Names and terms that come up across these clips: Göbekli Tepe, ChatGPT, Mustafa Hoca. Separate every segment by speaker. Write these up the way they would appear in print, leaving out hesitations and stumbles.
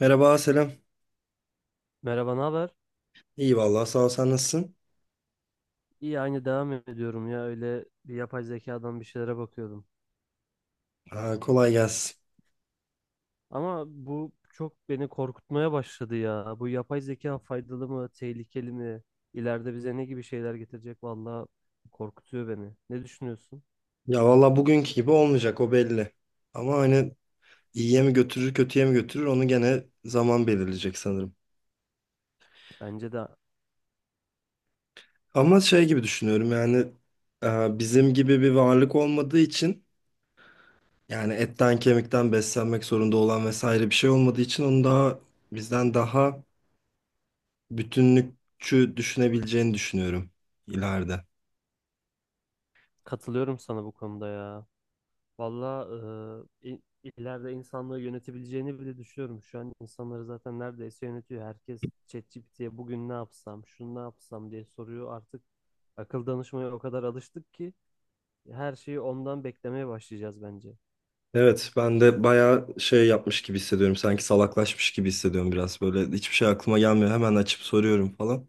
Speaker 1: Merhaba, selam.
Speaker 2: Merhaba, ne haber?
Speaker 1: İyi vallahi sağ ol, sen nasılsın?
Speaker 2: İyi, aynı devam ediyorum ya. Öyle bir yapay zekadan bir şeylere bakıyordum.
Speaker 1: Ha, kolay gelsin.
Speaker 2: Ama bu çok beni korkutmaya başladı ya. Bu yapay zeka faydalı mı, tehlikeli mi? İleride bize ne gibi şeyler getirecek? Vallahi korkutuyor beni. Ne düşünüyorsun?
Speaker 1: Ya vallahi bugünkü gibi olmayacak, o belli. Ama hani iyiye mi götürür kötüye mi götürür onu gene zaman belirleyecek sanırım.
Speaker 2: Bence de
Speaker 1: Ama şey gibi düşünüyorum yani, bizim gibi bir varlık olmadığı için, yani etten kemikten beslenmek zorunda olan vesaire bir şey olmadığı için onu daha, bizden daha bütünlükçü düşünebileceğini düşünüyorum ileride.
Speaker 2: katılıyorum sana bu konuda ya. Vallahi ileride insanlığı yönetebileceğini bile düşünüyorum. Şu an insanları zaten neredeyse yönetiyor. Herkes ChatGPT'ye bugün ne yapsam, şunu ne yapsam diye soruyor. Artık akıl danışmaya o kadar alıştık ki her şeyi ondan beklemeye başlayacağız bence.
Speaker 1: Evet, ben de bayağı şey yapmış gibi hissediyorum. Sanki salaklaşmış gibi hissediyorum biraz böyle. Hiçbir şey aklıma gelmiyor. Hemen açıp soruyorum falan.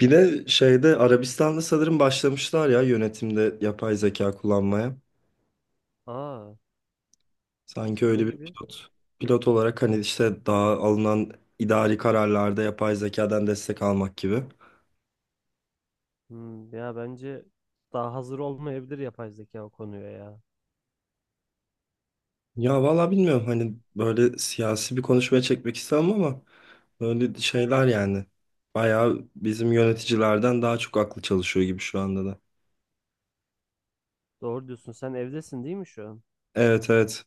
Speaker 1: Bir de şeyde Arabistan'da sanırım başlamışlar ya yönetimde yapay zeka kullanmaya.
Speaker 2: Aa,
Speaker 1: Sanki
Speaker 2: ne
Speaker 1: öyle bir
Speaker 2: gibi?
Speaker 1: pilot. Pilot olarak hani işte daha alınan idari kararlarda yapay zekadan destek almak gibi.
Speaker 2: Hmm, ya bence daha hazır olmayabilir yapay zeka o konuya ya.
Speaker 1: Ya valla bilmiyorum, hani böyle siyasi bir konuşmaya çekmek istemem ama böyle şeyler yani. Bayağı bizim yöneticilerden daha çok aklı çalışıyor gibi şu anda da.
Speaker 2: Doğru diyorsun. Sen evdesin değil mi şu an?
Speaker 1: Evet, evet.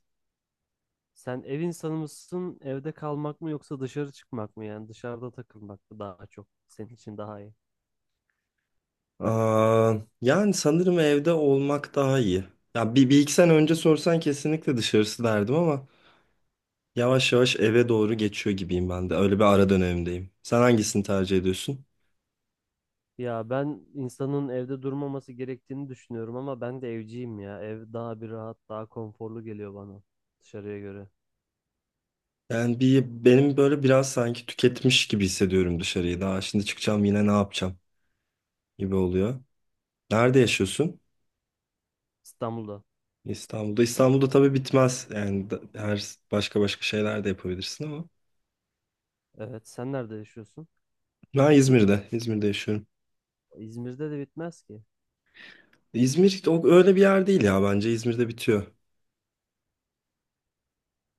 Speaker 2: Sen ev insanı mısın? Evde kalmak mı yoksa dışarı çıkmak mı? Yani dışarıda takılmak mı daha çok senin için daha iyi?
Speaker 1: Aa, yani sanırım evde olmak daha iyi. Ya bir iki sene önce sorsan kesinlikle dışarısı derdim ama yavaş yavaş eve doğru geçiyor gibiyim ben de. Öyle bir ara dönemdeyim. Sen hangisini tercih ediyorsun?
Speaker 2: Ya ben insanın evde durmaması gerektiğini düşünüyorum ama ben de evciyim ya. Ev daha bir rahat, daha konforlu geliyor bana dışarıya göre.
Speaker 1: Yani bir benim böyle biraz sanki tüketmiş gibi hissediyorum dışarıyı. Daha şimdi çıkacağım yine ne yapacağım gibi oluyor. Nerede yaşıyorsun?
Speaker 2: İstanbul'da.
Speaker 1: İstanbul'da. İstanbul'da tabii bitmez. Yani her başka başka şeyler de yapabilirsin ama.
Speaker 2: Evet, sen nerede yaşıyorsun?
Speaker 1: Ben İzmir'de. İzmir'de yaşıyorum.
Speaker 2: İzmir'de de bitmez ki.
Speaker 1: İzmir o öyle bir yer değil, ya bence İzmir'de bitiyor.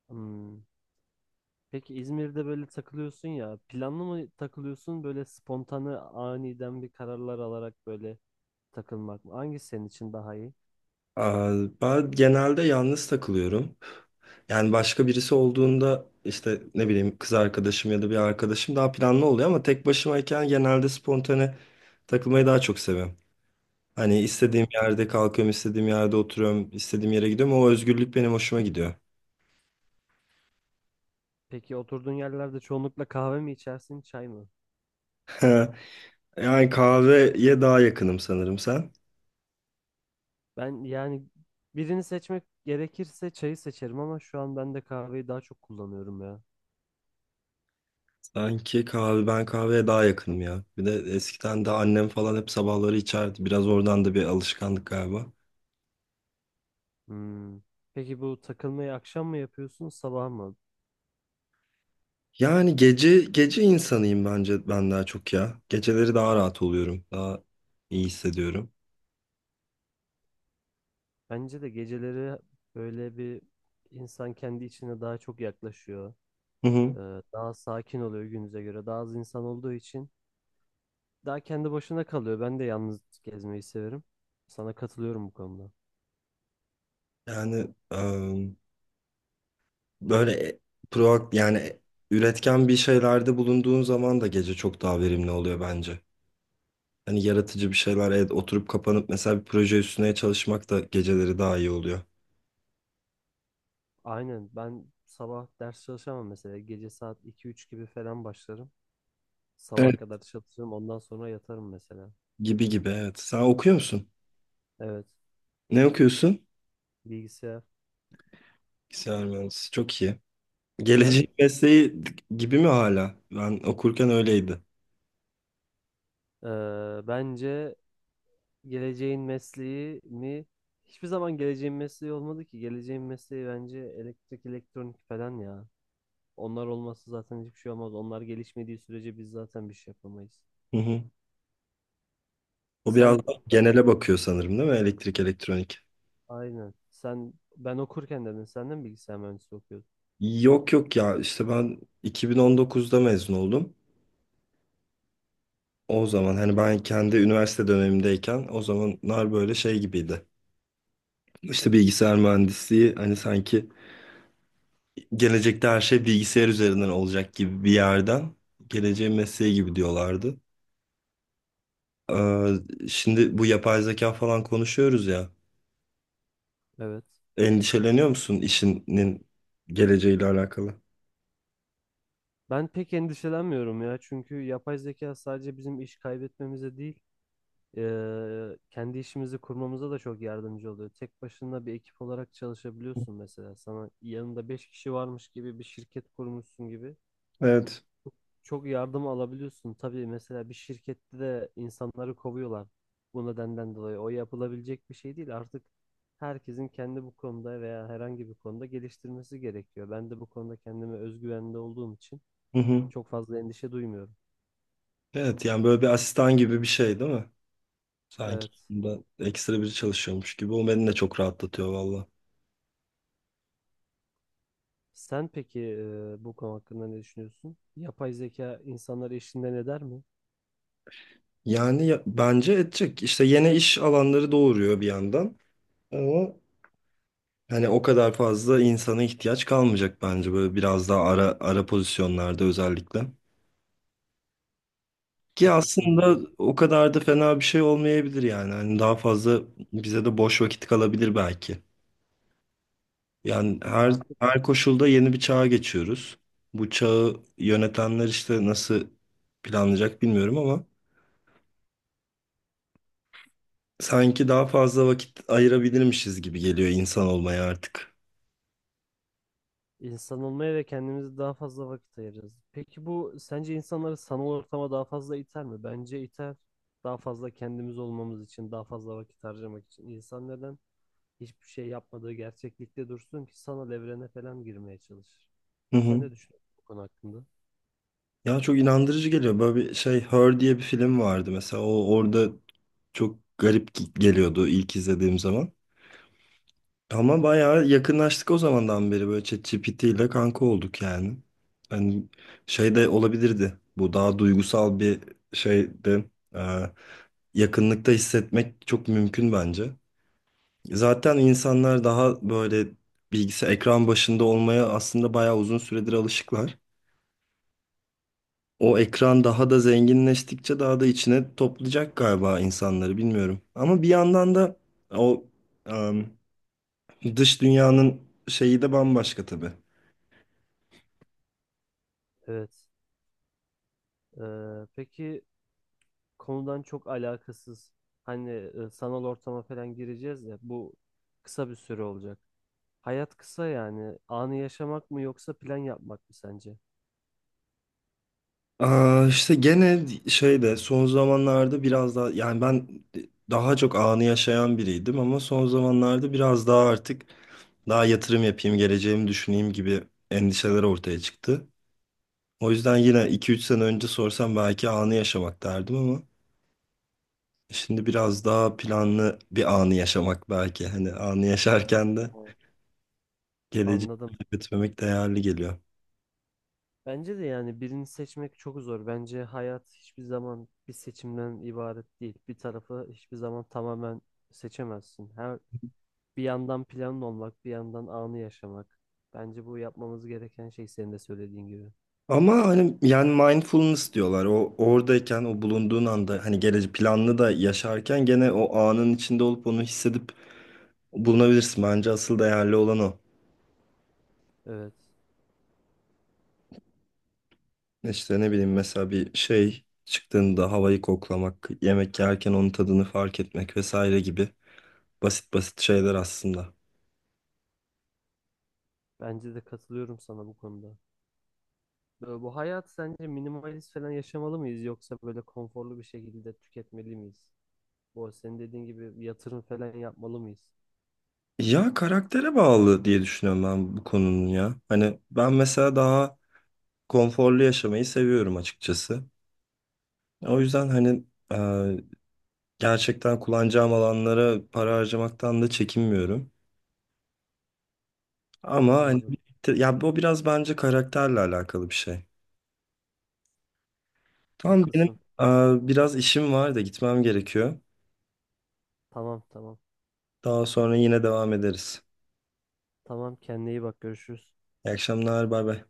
Speaker 2: Hmm. Peki İzmir'de böyle takılıyorsun ya, planlı mı takılıyorsun böyle spontane aniden bir kararlar alarak böyle takılmak mı? Hangisi senin için daha iyi?
Speaker 1: Aa, ben genelde yalnız takılıyorum. Yani başka birisi olduğunda işte ne bileyim kız arkadaşım ya da bir arkadaşım daha planlı oluyor ama tek başımayken genelde spontane takılmayı daha çok seviyorum. Hani
Speaker 2: Hmm.
Speaker 1: istediğim yerde kalkıyorum, istediğim yerde oturuyorum, istediğim yere gidiyorum. O özgürlük benim hoşuma gidiyor.
Speaker 2: Peki oturduğun yerlerde çoğunlukla kahve mi içersin, çay mı?
Speaker 1: Yani kahveye daha yakınım sanırım, sen?
Speaker 2: Ben yani birini seçmek gerekirse çayı seçerim ama şu an ben de kahveyi daha çok kullanıyorum ya.
Speaker 1: Sanki kahve, ben kahveye daha yakınım ya. Bir de eskiden de annem falan hep sabahları içerdi. Biraz oradan da bir alışkanlık galiba.
Speaker 2: Hmm. Peki bu takılmayı akşam mı yapıyorsun, sabah mı?
Speaker 1: Yani gece gece insanıyım bence ben, daha çok ya. Geceleri daha rahat oluyorum. Daha iyi hissediyorum.
Speaker 2: Bence de geceleri böyle bir insan kendi içine daha çok yaklaşıyor.
Speaker 1: Hı hı.
Speaker 2: Daha sakin oluyor günümüze göre. Daha az insan olduğu için daha kendi başına kalıyor. Ben de yalnız gezmeyi severim. Sana katılıyorum bu konuda.
Speaker 1: Yani böyle yani üretken bir şeylerde bulunduğun zaman da gece çok daha verimli oluyor bence. Hani yaratıcı bir şeyler, evet, oturup kapanıp mesela bir proje üstüne çalışmak da geceleri daha iyi oluyor.
Speaker 2: Aynen ben sabah ders çalışamam mesela. Gece saat iki üç gibi falan başlarım. Sabaha
Speaker 1: Evet.
Speaker 2: kadar çalışırım. Ondan sonra yatarım mesela.
Speaker 1: Gibi gibi, evet. Sen okuyor musun?
Speaker 2: Evet.
Speaker 1: Ne okuyorsun?
Speaker 2: Bilgisayar.
Speaker 1: Bilgisayar mühendisi. Çok iyi.
Speaker 2: Sen?
Speaker 1: Gelecek mesleği gibi mi hala? Ben okurken öyleydi.
Speaker 2: Bence geleceğin mesleği mi? Hiçbir zaman geleceğin mesleği olmadı ki. Geleceğin mesleği bence elektrik, elektronik falan ya. Onlar olmazsa zaten hiçbir şey olmaz. Onlar gelişmediği sürece biz zaten bir şey yapamayız.
Speaker 1: Hı hı. O biraz
Speaker 2: Sen
Speaker 1: daha genele bakıyor sanırım, değil mi? Elektrik, elektronik.
Speaker 2: aynen. Sen ben okurken dedin senden bilgisayar mühendisliği okuyordun.
Speaker 1: Yok yok ya, işte ben 2019'da mezun oldum. O zaman hani ben kendi üniversite dönemimdeyken o zamanlar böyle şey gibiydi. İşte bilgisayar mühendisliği hani sanki gelecekte her şey bilgisayar üzerinden olacak gibi bir yerden geleceğin mesleği gibi diyorlardı. Şimdi bu yapay zeka falan konuşuyoruz ya.
Speaker 2: Evet.
Speaker 1: Endişeleniyor musun işinin geleceğiyle alakalı?
Speaker 2: Ben pek endişelenmiyorum ya. Çünkü yapay zeka sadece bizim iş kaybetmemize değil, kendi işimizi kurmamıza da çok yardımcı oluyor. Tek başına bir ekip olarak çalışabiliyorsun mesela. Sana yanında 5 kişi varmış gibi bir şirket kurmuşsun gibi.
Speaker 1: Evet.
Speaker 2: Çok yardım alabiliyorsun. Tabii mesela bir şirkette de insanları kovuyorlar bu nedenden dolayı. O yapılabilecek bir şey değil. Artık herkesin kendi bu konuda veya herhangi bir konuda geliştirmesi gerekiyor. Ben de bu konuda kendime özgüvende olduğum için
Speaker 1: Hı hı.
Speaker 2: çok fazla endişe duymuyorum.
Speaker 1: Evet yani böyle bir asistan gibi bir şey değil mi? Sanki
Speaker 2: Evet.
Speaker 1: bunda ekstra biri çalışıyormuş gibi. O beni de çok rahatlatıyor valla.
Speaker 2: Sen peki bu konu hakkında ne düşünüyorsun? Yapay zeka insanları işinden eder mi?
Speaker 1: Yani bence edecek. İşte yeni iş alanları doğuruyor bir yandan. Ama hani o kadar fazla insana ihtiyaç kalmayacak bence, böyle biraz daha ara ara pozisyonlarda özellikle. Ki
Speaker 2: Haklısın
Speaker 1: aslında
Speaker 2: ya.
Speaker 1: o kadar da fena bir şey olmayabilir yani. Hani daha fazla bize de boş vakit kalabilir belki. Yani her
Speaker 2: Artık
Speaker 1: her koşulda yeni bir çağa geçiyoruz. Bu çağı yönetenler işte nasıl planlayacak bilmiyorum ama sanki daha fazla vakit ayırabilirmişiz gibi geliyor insan olmaya artık.
Speaker 2: İnsan olmaya ve kendimize daha fazla vakit ayırırız. Peki bu sence insanları sanal ortama daha fazla iter mi? Bence iter. Daha fazla kendimiz olmamız için, daha fazla vakit harcamak için. İnsan neden hiçbir şey yapmadığı gerçeklikte dursun ki sanal evrene falan girmeye çalışır?
Speaker 1: Hı
Speaker 2: Sen
Speaker 1: hı.
Speaker 2: ne düşünüyorsun bu konu hakkında?
Speaker 1: Ya çok inandırıcı geliyor. Böyle bir şey, Her diye bir film vardı mesela. O orada çok garip geliyordu ilk izlediğim zaman. Ama bayağı yakınlaştık o zamandan beri, böyle ChatGPT ile kanka olduk yani. Hani şey de olabilirdi. Bu daha duygusal bir şeydi. Ee, yakınlıkta hissetmek çok mümkün bence. Zaten insanlar daha böyle bilgisayar ekran başında olmaya aslında bayağı uzun süredir alışıklar. O ekran daha da zenginleştikçe daha da içine toplayacak galiba insanları, bilmiyorum. Ama bir yandan da o em, dış dünyanın şeyi de bambaşka tabii.
Speaker 2: Evet. Peki konudan çok alakasız. Hani sanal ortama falan gireceğiz ya bu kısa bir süre olacak. Hayat kısa yani. Anı yaşamak mı yoksa plan yapmak mı sence?
Speaker 1: Aa, işte gene şeyde son zamanlarda biraz daha yani ben daha çok anı yaşayan biriydim ama son zamanlarda biraz daha artık daha yatırım yapayım, geleceğimi düşüneyim gibi endişeler ortaya çıktı. O yüzden yine 2-3 sene önce sorsam belki anı yaşamak derdim ama şimdi biraz daha planlı bir anı yaşamak belki. Hani anı yaşarken de
Speaker 2: Evet.
Speaker 1: geleceği
Speaker 2: Anladım.
Speaker 1: götürmek değerli geliyor.
Speaker 2: Bence de yani birini seçmek çok zor. Bence hayat hiçbir zaman bir seçimden ibaret değil. Bir tarafı hiçbir zaman tamamen seçemezsin. Her bir yandan planlı olmak, bir yandan anı yaşamak. Bence bu yapmamız gereken şey senin de söylediğin gibi.
Speaker 1: Ama hani yani mindfulness diyorlar. O oradayken o bulunduğun anda hani geleceği planlı da yaşarken gene o anın içinde olup onu hissedip bulunabilirsin. Bence asıl değerli olan o.
Speaker 2: Evet.
Speaker 1: İşte ne bileyim mesela bir şey çıktığında havayı koklamak, yemek yerken onun tadını fark etmek vesaire gibi basit basit şeyler aslında.
Speaker 2: Bence de katılıyorum sana bu konuda. Böyle bu hayat sence minimalist falan yaşamalı mıyız yoksa böyle konforlu bir şekilde tüketmeli miyiz? Bu senin dediğin gibi yatırım falan yapmalı mıyız?
Speaker 1: Ya karaktere bağlı diye düşünüyorum ben bu konunun ya. Hani ben mesela daha konforlu yaşamayı seviyorum açıkçası. O yüzden hani gerçekten kullanacağım alanlara para harcamaktan da çekinmiyorum. Ama hani
Speaker 2: Anladım.
Speaker 1: ya bu biraz bence karakterle alakalı bir şey. Tamam, benim
Speaker 2: Haklısın.
Speaker 1: biraz işim var da gitmem gerekiyor.
Speaker 2: Tamam, tamam.
Speaker 1: Daha sonra yine devam ederiz.
Speaker 2: Tamam, kendine iyi bak, görüşürüz.
Speaker 1: İyi akşamlar, bay bay.